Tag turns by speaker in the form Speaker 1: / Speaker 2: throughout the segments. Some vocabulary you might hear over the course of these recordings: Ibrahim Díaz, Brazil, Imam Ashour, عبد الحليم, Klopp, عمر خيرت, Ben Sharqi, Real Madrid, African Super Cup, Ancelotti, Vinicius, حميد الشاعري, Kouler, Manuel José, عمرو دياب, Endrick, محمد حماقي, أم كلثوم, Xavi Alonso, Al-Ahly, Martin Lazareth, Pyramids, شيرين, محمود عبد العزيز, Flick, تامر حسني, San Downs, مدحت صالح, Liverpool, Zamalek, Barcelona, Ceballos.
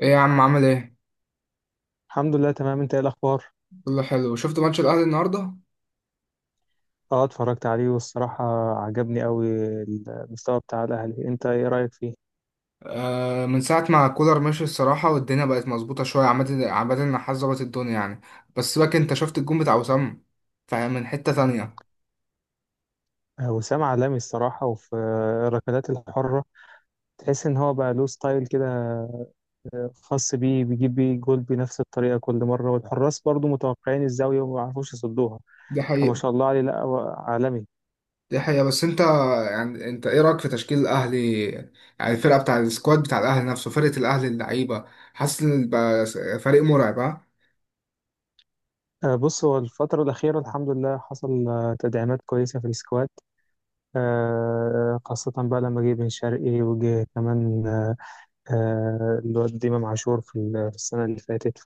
Speaker 1: ايه يا عم عامل ايه؟
Speaker 2: الحمد لله، تمام. انت ايه الاخبار؟
Speaker 1: كله حلو. شفت ماتش الاهلي النهارده؟
Speaker 2: اه، اتفرجت عليه والصراحة عجبني قوي المستوى بتاع الاهلي. انت ايه رأيك فيه؟
Speaker 1: آه، من ساعة ما كولر مشي الصراحة والدنيا بقت مظبوطة شوية. عامة عامة النحاس ظبط الدنيا يعني. بس سيبك، انت شفت الجون بتاع وسام؟ فاهم، من حتة تانية.
Speaker 2: وسام عالمي الصراحة، وفي الركلات الحرة. تحس ان هو بقى له ستايل كده. خاص بيه، بيجيب بيه جول بنفس الطريقة كل مرة، والحراس برضو متوقعين الزاوية وما بيعرفوش يصدوها.
Speaker 1: دي
Speaker 2: فما
Speaker 1: حقيقة.
Speaker 2: شاء الله عليه، لا هو عالمي.
Speaker 1: دي حقيقة. بس انت، يعني انت ايه رأيك في تشكيل الاهلي؟ يعني الفرقة بتاع السكواد بتاع الاهلي نفسه، فرقة الاهلي، اللعيبة. حاسس ان بقى فريق مرعب، ها؟
Speaker 2: بص، هو الفترة الأخيرة الحمد لله حصل تدعيمات كويسة في السكواد. خاصة بقى لما جه بن شرقي، وجه كمان الواد إمام عاشور في في السنة اللي فاتت.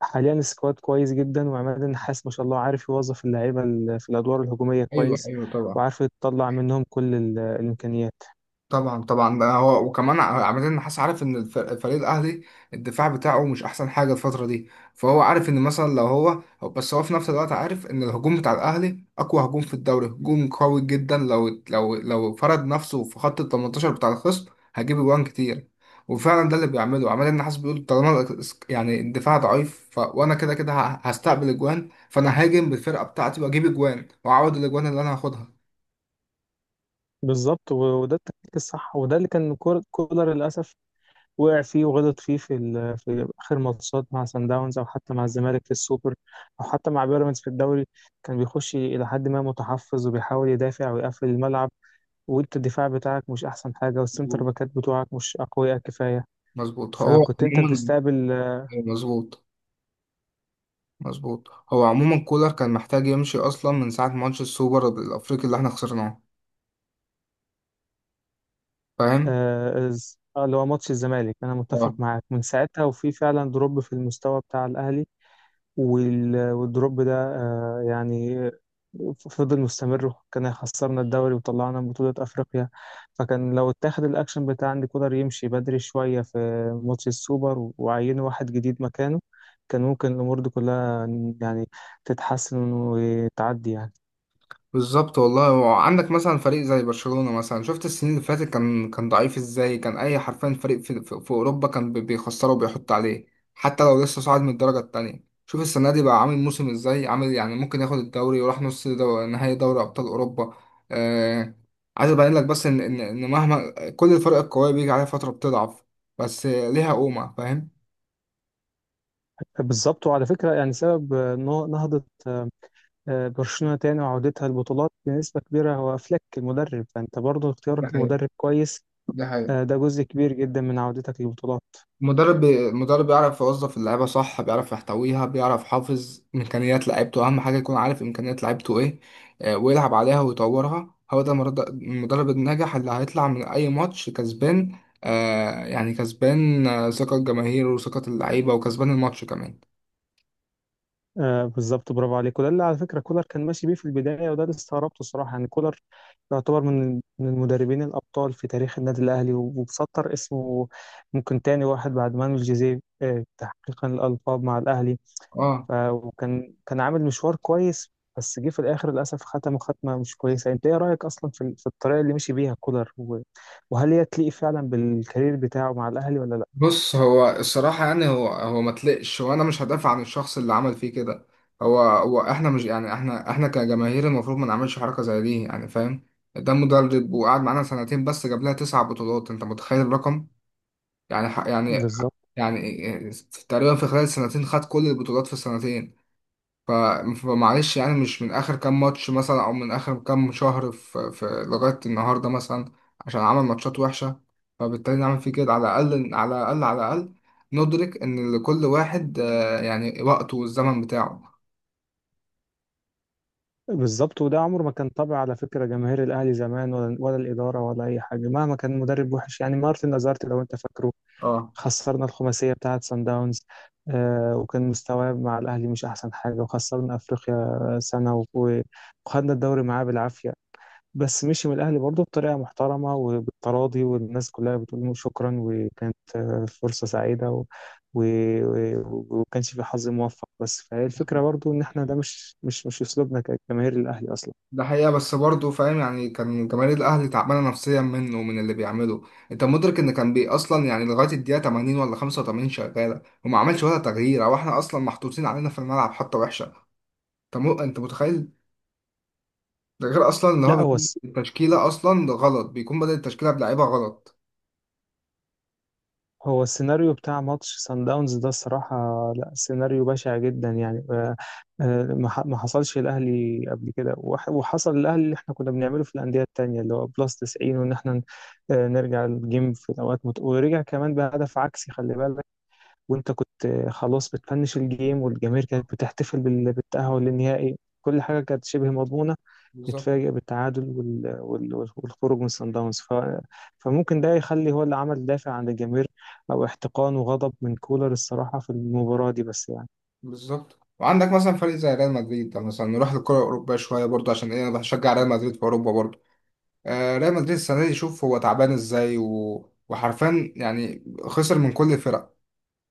Speaker 2: فحاليا السكواد كويس جدا، وعماد النحاس ما شاء الله عارف يوظف اللعيبة في الأدوار الهجومية
Speaker 1: ايوه،
Speaker 2: كويس،
Speaker 1: ايوه، طبعا.
Speaker 2: وعارف يطلع منهم كل الإمكانيات.
Speaker 1: طبعا، طبعا، ده هو. وكمان عامة النحاس عارف ان الفريق الاهلي، الدفاع بتاعه مش احسن حاجه الفتره دي. فهو عارف ان مثلا بس هو في نفس الوقت عارف ان الهجوم بتاع الاهلي اقوى هجوم في الدوري، هجوم قوي جدا. لو فرض نفسه في خط ال 18 بتاع الخصم، هيجيب اجوان كتير. وفعلا ده اللي بيعمله عماد النحاس، بيقول طالما يعني الدفاع ضعيف، وانا كده كده هستقبل اجوان، فانا هاجم بالفرقه بتاعتي واجيب اجوان واعوض الاجوان اللي انا هاخدها.
Speaker 2: بالظبط، و- وده التكتيك الصح، وده اللي كان كولر للأسف وقع فيه وغلط فيه في في آخر ماتشات مع سان داونز، أو حتى مع الزمالك في السوبر، أو حتى مع بيراميدز في الدوري. كان بيخش إلى حد ما متحفظ، وبيحاول يدافع ويقفل الملعب، وانت الدفاع بتاعك مش احسن حاجه والسنتر
Speaker 1: مظبوط.
Speaker 2: باكات بتوعك مش اقوياء كفايه.
Speaker 1: مظبوط. هو
Speaker 2: فكنت انت
Speaker 1: عموما
Speaker 2: بتستقبل.
Speaker 1: مظبوط، مظبوط. هو عموما كولر كان محتاج يمشي اصلا من ساعه ماتش السوبر الافريقي اللي احنا خسرناه، فاهم.
Speaker 2: اللي هو ماتش الزمالك، انا متفق
Speaker 1: آه.
Speaker 2: معاك من ساعتها، وفي فعلا دروب في المستوى بتاع الاهلي. وال- والدروب ده يعني فضل مستمر، كان هيخسرنا الدوري وطلعنا من بطولة أفريقيا. فكان لو اتاخد الأكشن بتاع إن كولر يمشي بدري شوية في ماتش السوبر، وعينوا واحد جديد مكانه، كان ممكن الأمور دي كلها يعني تتحسن وتعدي يعني.
Speaker 1: بالظبط والله. وعندك مثلا فريق زي برشلونة مثلا، شفت السنين اللي فاتت كان ضعيف ازاي؟ كان اي، حرفيا فريق في اوروبا كان بيخسره وبيحط عليه. حتى لو لسه صاعد من الدرجة التانية. شوف السنة دي بقى عامل موسم ازاي، عامل يعني ممكن ياخد الدوري وراح نهائي دوري ابطال اوروبا. آه... عايز ابين لك بس ان ان إن مهما كل الفرق القوية بيجي عليها فترة بتضعف، بس ليها قومة، فاهم.
Speaker 2: بالظبط، وعلى فكرة يعني سبب نهضة، برشلونة تاني وعودتها البطولات بنسبة كبيرة هو فليك المدرب، فأنت برضه
Speaker 1: ده
Speaker 2: اختيارك
Speaker 1: حقيقة.
Speaker 2: لمدرب كويس.
Speaker 1: ده حقيقة.
Speaker 2: ده جزء كبير جدا من عودتك للبطولات.
Speaker 1: مدرب مدرب بيعرف يوظف اللعيبه صح، بيعرف يحتويها، بيعرف يحافظ امكانيات لعيبته. اهم حاجه يكون عارف امكانيات لعيبته ايه، ويلعب عليها ويطورها. هو ده المدرب الناجح اللي هيطلع من اي ماتش كسبان، يعني كسبان ثقه الجماهير وثقه اللعيبه وكسبان الماتش كمان.
Speaker 2: بالظبط، برافو عليك. وده اللي على فكره كولر كان ماشي بيه في البدايه، وده اللي استغربته الصراحه. يعني كولر يعتبر من المدربين الابطال في تاريخ النادي الاهلي، وبسطر اسمه، ممكن تاني واحد بعد مانويل جوزيه تحقيقا الالقاب مع الاهلي.
Speaker 1: اه،
Speaker 2: وكان عامل مشوار كويس، بس جه في الاخر للاسف، ختمه مش كويسه. انت ايه رايك اصلا في الطريقه اللي مشي بيها كولر، وهل هي تليق فعلا بالكارير بتاعه مع الاهلي ولا لا؟
Speaker 1: بص. هو الصراحة يعني هو ما تلقش، وانا مش هدافع عن الشخص اللي عمل فيه كده. هو احنا مش يعني احنا كجماهير المفروض ما نعملش حركة زي دي، يعني فاهم. ده مدرب وقعد معانا سنتين بس جاب لها تسع بطولات، انت متخيل الرقم؟ يعني يعني،
Speaker 2: بالظبط،
Speaker 1: يعني تقريبا في خلال سنتين خد كل البطولات في السنتين. ف- فمعلش يعني، مش من اخر كام ماتش مثلا او من اخر كام شهر في لغايه النهارده مثلا، عشان عمل ماتشات وحشه، فبالتالي نعمل فيه كده. على الاقل، على الاقل، على الاقل ندرك ان لكل واحد يعني وقته والزمن بتاعه.
Speaker 2: بالظبط. وده عمره ما كان طبع، على فكرة، جماهير الأهلي زمان، ولا الإدارة ولا أي حاجة، مهما كان مدرب وحش يعني مارتن لازارت، لو أنت فاكره.
Speaker 1: اه.
Speaker 2: خسرنا الخماسية بتاعة سان داونز. وكان مستواه مع الأهلي مش أحسن حاجة، وخسرنا أفريقيا سنة، وخدنا الدوري معاه بالعافية. بس مشي من الأهلي برضه بطريقة محترمة وبالتراضي، والناس كلها بتقول له شكرا، وكانت فرصة سعيدة و... وكانش في حظ موفق. بس فهي الفكرة برضه، إن إحنا ده مش أسلوبنا كجماهير الأهلي أصلا.
Speaker 1: ده حقيقة، بس برضه فاهم يعني كان جماهير الأهلي تعبانة نفسيا منه ومن اللي بيعمله، أنت مدرك إن كان بي أصلا يعني لغاية الدقيقة 80 ولا 85 شغالة، وما عملش ولا تغيير أو إحنا أصلا محطوطين علينا في الملعب حتى وحشة، أنت أنت متخيل؟ ده غير اصلا ان هو
Speaker 2: لا، هو
Speaker 1: بيكون التشكيله اصلا غلط، بيكون بدأ التشكيله بلعيبه غلط.
Speaker 2: هو السيناريو بتاع ماتش سان داونز ده الصراحة، لا سيناريو بشع جدا يعني. ما حصلش الأهلي قبل كده، وحصل الأهلي اللي احنا كنا بنعمله في الأندية التانية، اللي هو بلس 90، وإن احنا نرجع الجيم في الأوقات، ورجع كمان بهدف عكسي، خلي بالك. وأنت كنت خلاص بتفنش الجيم، والجماهير كانت بتحتفل بالتأهل للنهائي. كل حاجة كانت شبه مضمونة.
Speaker 1: بالظبط.
Speaker 2: يتفاجئ بالتعادل والخروج من صن داونز. فممكن ده يخلي هو اللي عمل دافع عند الجماهير، او احتقان وغضب من كولر الصراحه في المباراه دي، بس يعني.
Speaker 1: بالظبط. وعندك مثلا فريق زي ريال مدريد، ده مثلا نروح للكرة الأوروبية شوية برضه عشان إيه، أنا بشجع ريال مدريد في أوروبا برضه. ريال مدريد السنة دي شوف هو تعبان إزاي، وحرفيا يعني خسر من كل الفرق: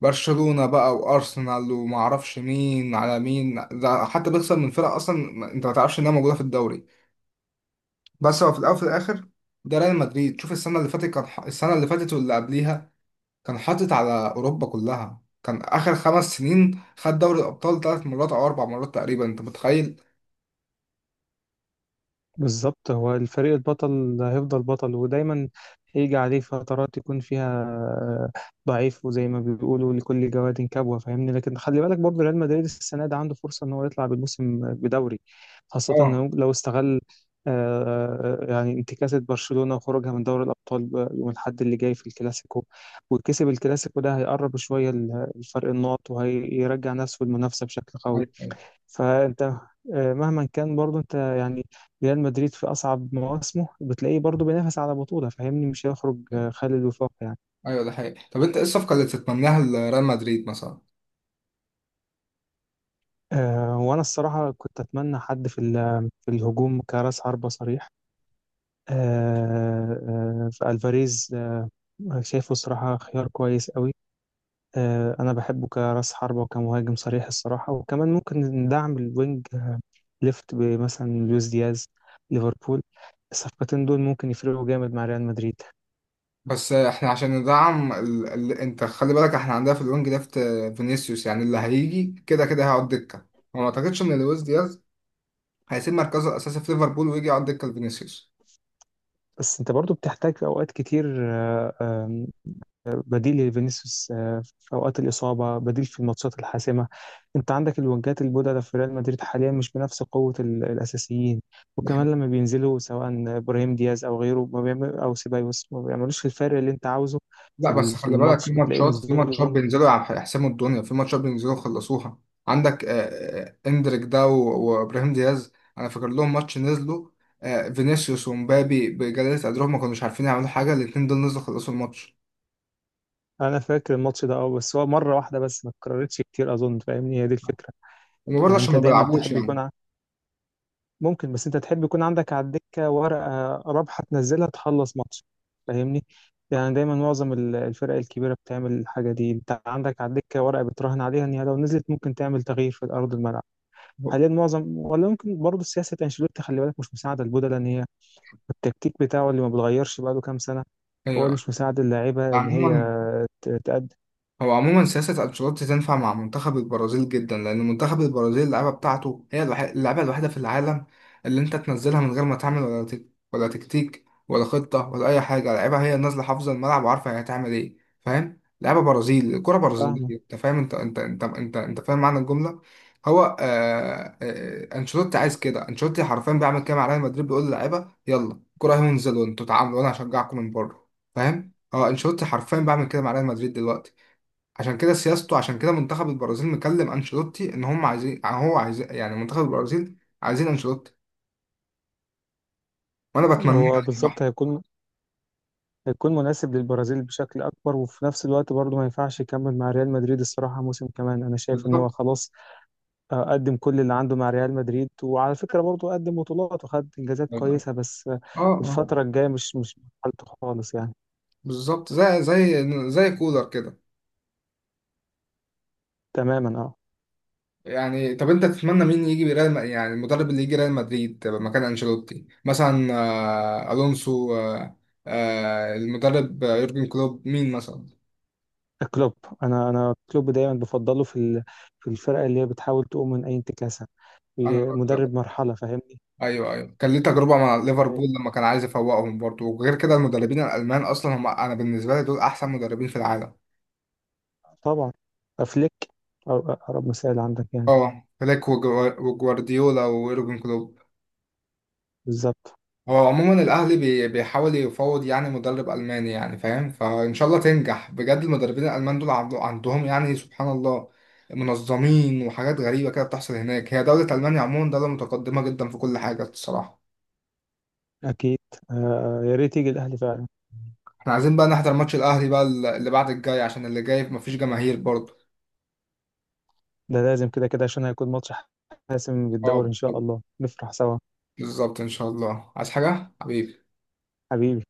Speaker 1: برشلونة بقى، وأرسنال، ومعرفش مين على مين. ده حتى بيخسر من فرق أصلا أنت ما تعرفش إنها موجودة في الدوري. بس هو في الأول وفي الآخر، ده ريال مدريد. شوف السنة اللي فاتت السنة اللي فاتت واللي قبليها كان حاطط على أوروبا كلها. كان آخر خمس سنين خد دوري الأبطال ثلاث مرات أو أربع مرات تقريبا، أنت متخيل؟
Speaker 2: بالظبط. هو الفريق البطل هيفضل بطل، ودايما هيجي عليه فترات يكون فيها ضعيف، وزي ما بيقولوا لكل جواد كبوة، فاهمني؟ لكن خلي بالك برضه ريال مدريد السنة دي عنده فرصة إن هو يطلع بالموسم بدوري، خاصة
Speaker 1: اه.
Speaker 2: إنه لو استغل يعني انتكاسة برشلونة وخروجها من دوري الأبطال يوم الأحد اللي جاي في الكلاسيكو، وكسب الكلاسيكو ده هيقرب شوية الفرق النقط، وهيرجع نفسه المنافسة بشكل قوي.
Speaker 1: أيوه، أيوه.
Speaker 2: فانت مهما كان برضو انت يعني ريال مدريد في اصعب مواسمه بتلاقيه برضو بينافس على بطولة، فاهمني؟ مش هيخرج
Speaker 1: أيوه،
Speaker 2: خالي الوفاق يعني.
Speaker 1: أيوه، ده حقيقي. طب أنت إيه الصفقة اللي تتمناها لريال مدريد مثلا؟
Speaker 2: وانا الصراحة كنت اتمنى حد في في الهجوم كراس حربة صريح. آه، فالفاريز. شايفه صراحة خيار كويس قوي. انا بحبه كراس حربة وكمهاجم صريح الصراحة، وكمان ممكن ندعم الوينج ليفت بمثلا لويس دياز ليفربول. الصفقتين دول ممكن يفرقوا جامد مع ريال مدريد.
Speaker 1: بس احنا عشان ندعم انت خلي بالك، احنا عندنا في الوينج ليفت فينيسيوس. يعني اللي هيجي كده كده هيقعد دكة، وما اعتقدش ان لويس دياز هيسيب مركزه الاساسي في ليفربول ويجي يقعد دكة لفينيسيوس.
Speaker 2: بس انت برضو بتحتاج في اوقات كتير، آه، آم، آه، بديل لفينيسيوس، في اوقات الاصابه، بديل في الماتشات الحاسمه. انت عندك الوينجات البودلة في ريال مدريد حاليا مش بنفس قوه الاساسيين، وكمان لما بينزلوا سواء ابراهيم دياز او غيره ما بيعمل، او سيبايوس ما بيعملوش الفرق اللي انت عاوزه. في
Speaker 1: لا، بس
Speaker 2: في
Speaker 1: خلي بالك،
Speaker 2: الماتش
Speaker 1: في
Speaker 2: بتلاقي
Speaker 1: ماتشات في ماتشات
Speaker 2: نزولهم.
Speaker 1: بينزلوا يحسموا الدنيا، في ماتشات بينزلوا يخلصوها. عندك اندريك ده وابراهيم دياز، انا فاكر لهم ماتش نزلوا، فينيسيوس ومبابي بجلالة قدرهم ما كانوش عارفين يعملوا حاجة، الاتنين دول نزلوا خلصوا الماتش.
Speaker 2: انا فاكر الماتش ده بس هو مره واحده بس، ما اتكررتش كتير اظن، فاهمني؟ هي دي الفكره.
Speaker 1: وبرضه
Speaker 2: يعني
Speaker 1: عشان
Speaker 2: انت
Speaker 1: ما
Speaker 2: دايما
Speaker 1: بيلعبوش
Speaker 2: تحب يكون
Speaker 1: يعني.
Speaker 2: ممكن، بس انت تحب يكون عندك على الدكة ورقة رابحة تنزلها تخلص ماتش، فاهمني؟ يعني دايما معظم الفرق الكبيرة بتعمل الحاجة دي. انت عندك على الدكة ورقة بتراهن عليها ان هي لو نزلت ممكن تعمل تغيير في أرض الملعب. حاليا معظم، ولا ممكن برضه سياسة انشيلوتي، خلي بالك، مش مساعدة البودلة ان هي التكتيك بتاعه اللي ما بيتغيرش بقاله كام سنة، هو اللي
Speaker 1: ايوه.
Speaker 2: مش مساعد اللعيبة ان هي
Speaker 1: عموما
Speaker 2: تأدي.
Speaker 1: هو عموما سياسة أنشيلوتي تنفع مع منتخب البرازيل جدا، لأن منتخب البرازيل اللعبة بتاعته هي اللعبة الوحيدة في العالم اللي أنت تنزلها من غير ما تعمل ولا ولا تكتيك ولا خطة ولا أي حاجة. اللعيبة هي نازلة حافظة الملعب وعارفة هي هتعمل إيه، فاهم؟ لعبة برازيل، الكرة
Speaker 2: فاهمه.
Speaker 1: برازيلية. أنت فاهم؟ أنت فاهم معنى الجملة؟ هو أنشيلوتي عايز كده، أنشيلوتي حرفيا بيعمل كده مع ريال مدريد، بيقول للعيبة يلا كرة اهي، وانزلوا أنتوا تعاملوا وأنا هشجعكم من بره، فاهم؟ اه. انشيلوتي حرفيا بعمل كده مع ريال مدريد دلوقتي. عشان كده سياسته، عشان كده منتخب البرازيل مكلم انشيلوتي ان هم عايزين، هو عايز يعني منتخب البرازيل عايزين انشيلوتي، وانا بتمناه
Speaker 2: هو
Speaker 1: على
Speaker 2: بالظبط
Speaker 1: الصراحه.
Speaker 2: هيكون مناسب للبرازيل بشكل أكبر، وفي نفس الوقت برضه ما ينفعش يكمل مع ريال مدريد الصراحة موسم كمان. أنا شايف إن هو
Speaker 1: بالظبط.
Speaker 2: خلاص قدم كل اللي عنده مع ريال مدريد، وعلى فكرة برضه قدم بطولات وخد إنجازات كويسة، بس
Speaker 1: اه، اه،
Speaker 2: الفترة الجاية مش حالته خالص يعني.
Speaker 1: بالظبط. زي، زي كولر كده.
Speaker 2: تماما، أه.
Speaker 1: يعني طب انت تتمنى مين يجي ريال يعني المدرب اللي يجي ريال مدريد مكان انشيلوتي مثلا؟ الونسو، المدرب يورجن كلوب، مين مثلا؟
Speaker 2: كلوب. أنا كلوب دايما بفضله في في الفرقة اللي هي بتحاول تقوم من أي انتكاسة،
Speaker 1: انا
Speaker 2: في مدرب مرحلة، فاهمني؟
Speaker 1: ايوه، ايوه. كان ليه تجربه مع ليفربول
Speaker 2: يعني
Speaker 1: لما كان عايز يفوقهم برضه. وغير كده المدربين الالمان اصلا هم، انا بالنسبه لي دول احسن مدربين في العالم.
Speaker 2: طبعا. أفليك أقرب مثال عندك يعني.
Speaker 1: اه، فليك وجوارديولا ويورجن كلوب.
Speaker 2: بالظبط،
Speaker 1: هو عموما الاهلي بيحاول يفاوض يعني مدرب الماني، يعني فاهم. فان شاء الله تنجح بجد. المدربين الالمان دول عندهم يعني سبحان الله، منظمين، وحاجات غريبه كده بتحصل هناك. هي دوله المانيا عموما دوله متقدمه جدا في كل حاجه الصراحه.
Speaker 2: اكيد. يا ريت يجي الاهلي فعلا.
Speaker 1: احنا عايزين بقى نحضر ماتش الاهلي بقى، اللي بعد الجاي، عشان اللي جاي مفيش جماهير برضه.
Speaker 2: ده لازم، كده كده، عشان هيكون ماتش حاسم في
Speaker 1: اه،
Speaker 2: الدوري. ان شاء الله نفرح سوا.
Speaker 1: بالظبط، ان شاء الله. عايز حاجة حبيبي؟
Speaker 2: حبيبي.